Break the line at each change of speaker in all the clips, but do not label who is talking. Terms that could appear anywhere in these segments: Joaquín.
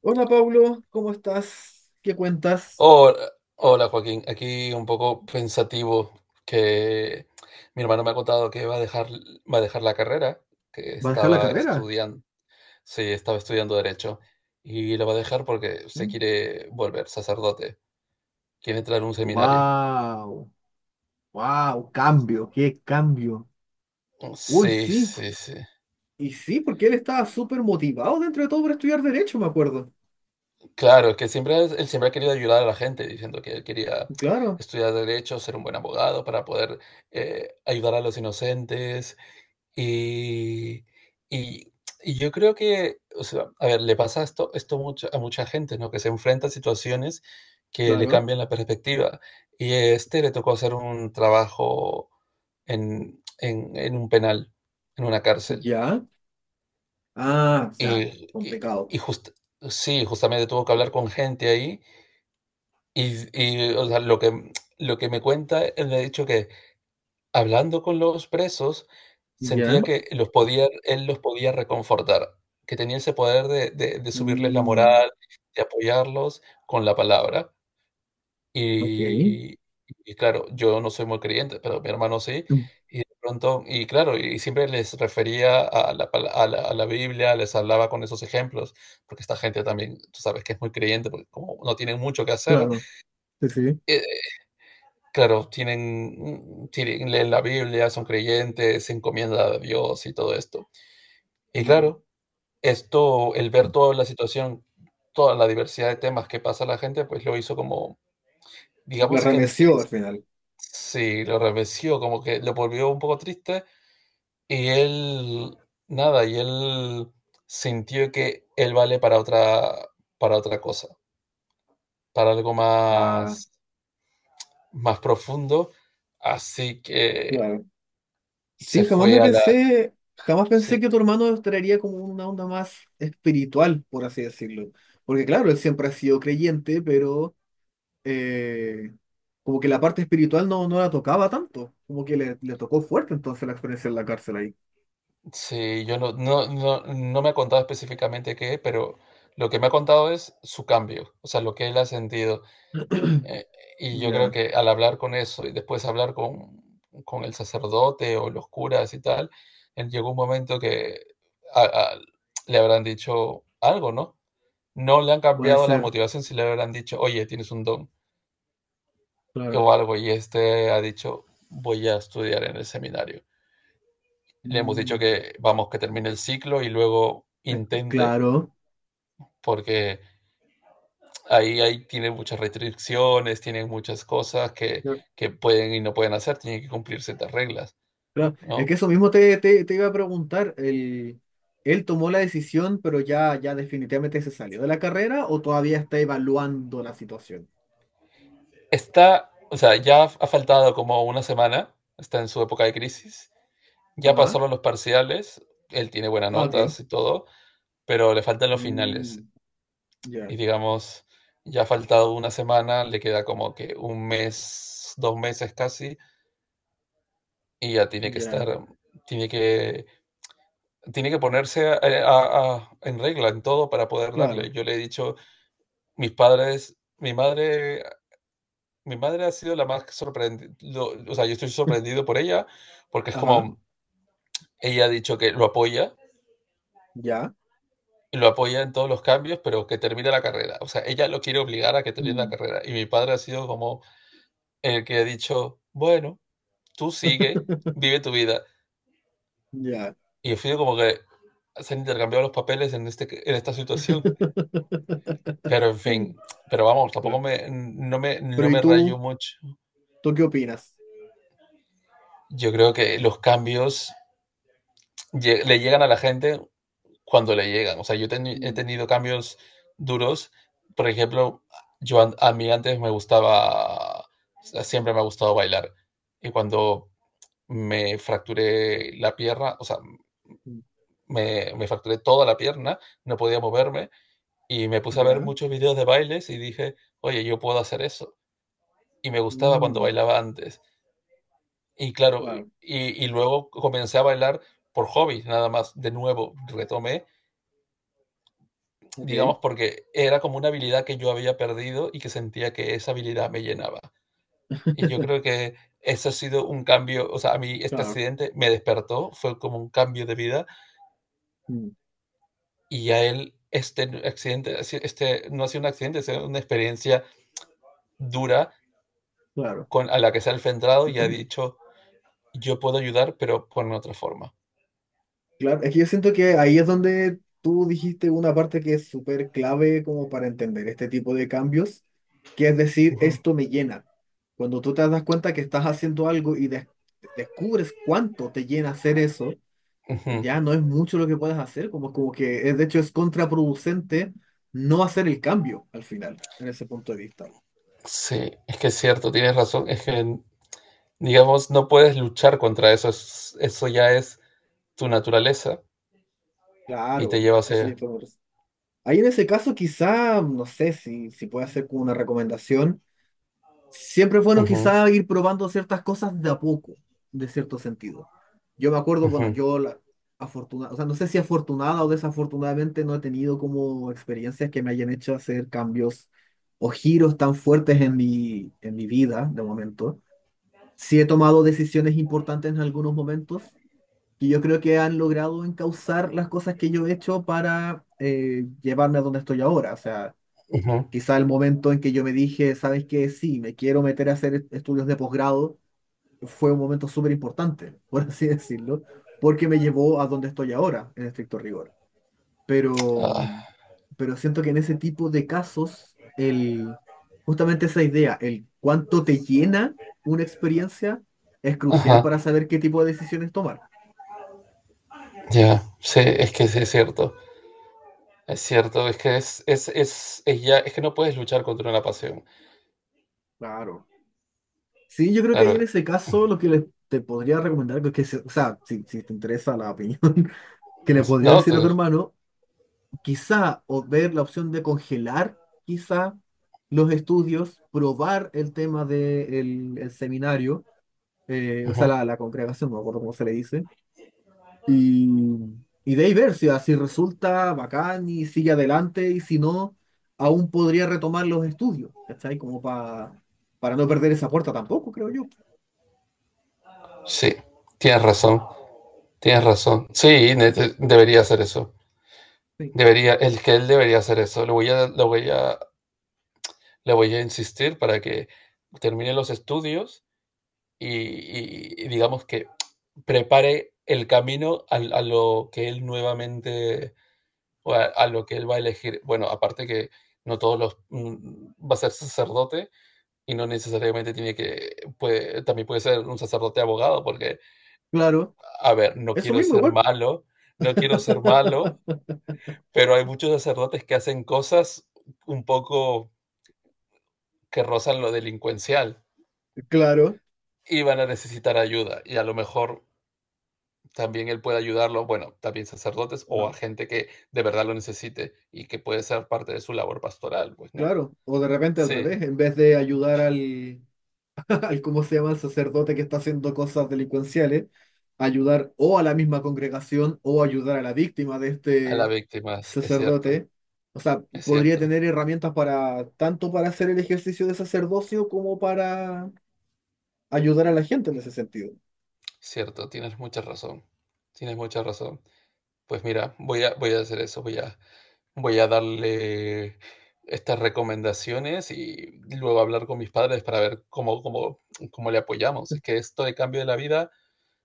Hola Pablo, ¿cómo estás? ¿Qué cuentas?
Hola, hola Joaquín, aquí un poco pensativo que mi hermano me ha contado que va a dejar la carrera que
¿Vas a dejar la
estaba
carrera?
estudiando. Sí, estaba estudiando Derecho y la va a dejar porque se quiere volver sacerdote, quiere entrar a un seminario.
¡Wow! ¡Wow! ¡Cambio! ¡Qué cambio! Uy,
Sí,
sí,
sí, sí.
y sí, porque él estaba súper motivado dentro de todo por estudiar Derecho, me acuerdo.
Claro, es que siempre, él siempre ha querido ayudar a la gente, diciendo que él quería
Claro,
estudiar derecho, ser un buen abogado para poder ayudar a los inocentes. Y y y yo creo que, o sea, a ver, le pasa esto mucho a mucha gente, ¿no? Que se enfrenta a situaciones que le
claro.
cambian la perspectiva. Y a este le tocó hacer un trabajo en un penal, en una cárcel.
Ya. Ah, o sea, complicado.
Y just Sí, justamente tuvo que hablar con gente ahí, o sea, lo que me cuenta, él me ha dicho que hablando con los presos,
Ya.
sentía que los podía él los podía reconfortar, que tenía ese poder de subirles la
Mm,
moral, de apoyarlos con la palabra.
ok.
Y y claro, yo no soy muy creyente, pero mi hermano sí,
Mm,
y de pronto y claro, y siempre les refería a la pala a la Biblia, les hablaba con esos ejemplos, porque esta gente también, tú sabes que es muy creyente, porque como no tienen mucho que hacer,
claro, sí, sí.
eh, claro, tienen, tienen, leen la Biblia, son creyentes, se encomiendan a Dios y todo esto. Y
Mm,
claro, esto, el ver toda la situación, toda la diversidad de temas que pasa la gente, pues lo hizo como,
la
digamos que
remeció al final.
sí, lo remeció, como que lo volvió un poco triste y él, nada, y él sintió que él vale para otra cosa, para algo
Ah,
más, más profundo, así que
claro. Sí,
se
jamás me
fue a la...
pensé, jamás pensé
sí.
que tu hermano estaría como una onda más espiritual, por así decirlo. Porque claro, él siempre ha sido creyente, pero eh, como que la parte espiritual no, no la tocaba tanto, como que le tocó fuerte entonces la experiencia en la cárcel ahí.
Sí, yo no me ha contado específicamente qué, pero lo que me ha contado es su cambio, o sea, lo que él ha sentido. Eh, y yo creo
Ya,
que al hablar con eso y después hablar con el sacerdote o los curas y tal, él llegó un momento que a- a- le habrán dicho algo, ¿no? No le han
puede
cambiado la
ser,
motivación si le habrán dicho, oye, tienes un don
claro.
o algo, y este ha dicho, voy a estudiar en el seminario. Le hemos dicho
Mm,
que vamos, que termine el ciclo y luego
es-
intente.
claro.
Porque ahí tiene muchas restricciones, tiene muchas cosas que pueden y no pueden hacer, tienen que cumplir ciertas reglas,
Claro, es
¿no?
que eso mismo te iba a preguntar, el, ¿él tomó la decisión pero ya definitivamente se salió de la carrera o todavía está evaluando la situación?
Está, o sea, ya ha faltado como una semana, está en su época de crisis, ya
Ajá.
pasaron los parciales, él tiene buenas
Ah, ok.
notas y todo, pero le faltan los
Mm,
finales.
ya,
Y digamos, ya ha faltado una semana, le queda como que un mes, dos meses casi, y ya tiene que estar,
ya.
tiene que tiene que ponerse en regla en todo para poder darle.
Claro.
Yo le he dicho, mis padres, mi madre ha sido la más sorprendida, o sea, yo estoy sorprendido por ella, porque es
Ajá.
como, ella ha dicho que lo apoya,
Ya.
y lo apoya en todos los cambios, pero que termine la carrera. O sea, ella lo quiere obligar a que termine la
Mm,
carrera. Y mi padre ha sido como el que ha dicho, bueno, tú sigue, vive tu vida.
ya.
Y he sido como que se han intercambiado los papeles en, este, en esta situación. Pero en fin, pero vamos,
Ya.
tampoco
Pero
no
¿y
me
tú?
rayo mucho.
¿Tú qué opinas?
Yo creo que los cambios le llegan a la gente cuando le llegan. O sea, he
Mm,
tenido cambios duros. Por ejemplo, a mí antes me gustaba, o sea, siempre me ha gustado bailar. Y cuando me fracturé la pierna, o sea,
mm,
me fracturé toda la pierna, no podía moverme y me puse a ver
ya.
muchos videos de bailes y dije, oye, yo puedo hacer eso. Y me gustaba cuando
Mm,
bailaba antes. Y claro,
claro.
y luego comencé a bailar por hobby, nada más, de nuevo, retomé,
Ok.
digamos, porque era como una habilidad que yo había perdido y que sentía que esa habilidad me llenaba. Y yo creo que eso ha sido un cambio, o sea, a mí este
Claro.
accidente me despertó, fue como un cambio de vida
Mm,
y a él este accidente, este no ha sido un accidente, ha sido una experiencia dura
claro.
con, a la que se ha enfrentado y ha dicho, yo puedo ayudar, pero con otra forma.
Claro, es que yo siento que ahí es donde tú dijiste una parte que es súper clave como para entender este tipo de cambios, que es
Uh
decir,
-huh.
esto me llena. Cuando tú te das cuenta que estás haciendo algo y descubres cuánto te llena hacer eso,
Uh -huh.
ya no es mucho lo que puedes hacer, como que es, de hecho es contraproducente no hacer el cambio al final, en ese punto de vista.
Sí, es que es cierto, tienes razón. Es que, digamos, no puedes luchar contra eso. Eso ya es tu naturaleza y te
Claro,
lleva
eso es
hacia...
todo. Ahí en ese caso quizá, no sé si puede hacer como una recomendación. Siempre es bueno
Ujú,
quizá ir probando ciertas cosas de a poco, de cierto sentido. Yo me acuerdo, bueno,
ujú,
yo la afortunada, o sea, no sé si afortunada o desafortunadamente no he tenido como experiencias que me hayan hecho hacer cambios o giros tan fuertes en en mi vida de momento. Sí he tomado decisiones importantes en algunos momentos que yo creo que han logrado encauzar las cosas que yo he hecho para llevarme a donde estoy ahora. O sea,
ujú.
quizá el momento en que yo me dije, ¿sabes qué? Sí, me quiero meter a hacer estudios de posgrado, fue un momento súper importante, por así decirlo, porque me llevó a donde estoy ahora, en estricto rigor. Pero,
Ah,
pero siento que en ese tipo de casos, el, justamente esa idea, el cuánto te llena una experiencia, es crucial
ajá,
para saber qué tipo de decisiones tomar.
ya. Sí, es que sí es cierto. Es cierto, es que es ya, es que no puedes luchar contra una pasión.
Claro. Sí, yo creo que ahí en
Claro,
ese caso lo que te podría recomendar, o sea, si te interesa la opinión que le podría
no,
decir a tu hermano quizá, o ver la opción de congelar, quizá, los estudios, probar el tema del seminario, o sea,
ujú.
la congregación, no me acuerdo cómo se le dice, y, y de ahí ver si así resulta bacán y sigue adelante, y si no, aún podría retomar los estudios, ¿cachai? Para no perder esa puerta tampoco, creo yo.
Sí, tienes razón, tienes razón. Sí, debería hacer eso.
Sí.
Debería, el que él debería hacer eso. Lo voy a le voy a insistir para que termine los estudios y, y digamos que prepare el camino a, lo que él nuevamente, o a lo que él va a elegir. Bueno, aparte que no todos los va a ser sacerdote y no necesariamente tiene que, también puede ser un sacerdote abogado, porque,
Claro,
a ver, no
eso
quiero
mismo
ser
igual.
malo, no quiero ser malo, pero hay muchos sacerdotes que hacen cosas un poco que rozan lo delincuencial.
Claro,
Y van a necesitar ayuda y a lo mejor también él puede ayudarlo, bueno, también sacerdotes o a
ajá,
gente que de verdad lo necesite y que puede ser parte de su labor pastoral, pues, ¿no?
claro. O de repente al
Sí,
revés, en vez de ayudar al, al cómo se llama el sacerdote que está haciendo cosas delincuenciales, ayudar o a la misma congregación o ayudar a la víctima de
a las
este
víctimas,
sacerdote. O sea,
es
podría
cierto,
tener herramientas para tanto para hacer el ejercicio de sacerdocio como para ayudar a la gente en ese sentido.
cierto, tienes mucha razón, tienes mucha razón. Pues mira, voy a hacer eso, voy a darle estas recomendaciones y luego hablar con mis padres para ver cómo le apoyamos. Es que esto de cambio de la vida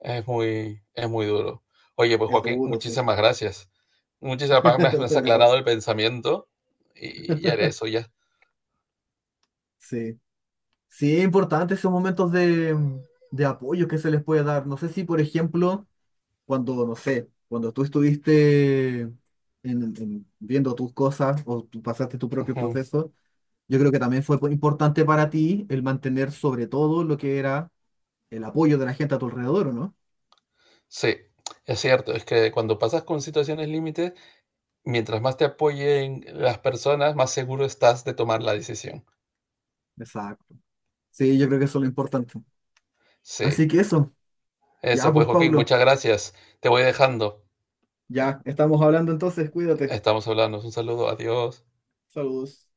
es muy, es muy duro. Oye, pues
Es
Joaquín,
duro, sí.
muchísimas gracias. Muchísimas gracias, me has
De nada.
aclarado el pensamiento y ya era eso, ya.
Sí. Sí, es importante esos momentos de apoyo que se les puede dar. No sé si, por ejemplo, cuando, no sé, cuando tú estuviste viendo tus cosas o tú pasaste tu propio
Ujú.
proceso, yo creo que también fue importante para ti el mantener sobre todo lo que era el apoyo de la gente a tu alrededor, ¿o no?
Sí, es cierto, es que cuando pasas con situaciones límites, mientras más te apoyen las personas, más seguro estás de tomar la decisión.
Exacto. Sí, yo creo que eso es lo importante.
Sí,
Así que eso, ya
eso pues
pues,
Joaquín,
Pablo,
muchas gracias. Te voy dejando.
ya estamos hablando entonces, cuídate.
Estamos hablando. Un saludo, adiós.
Saludos.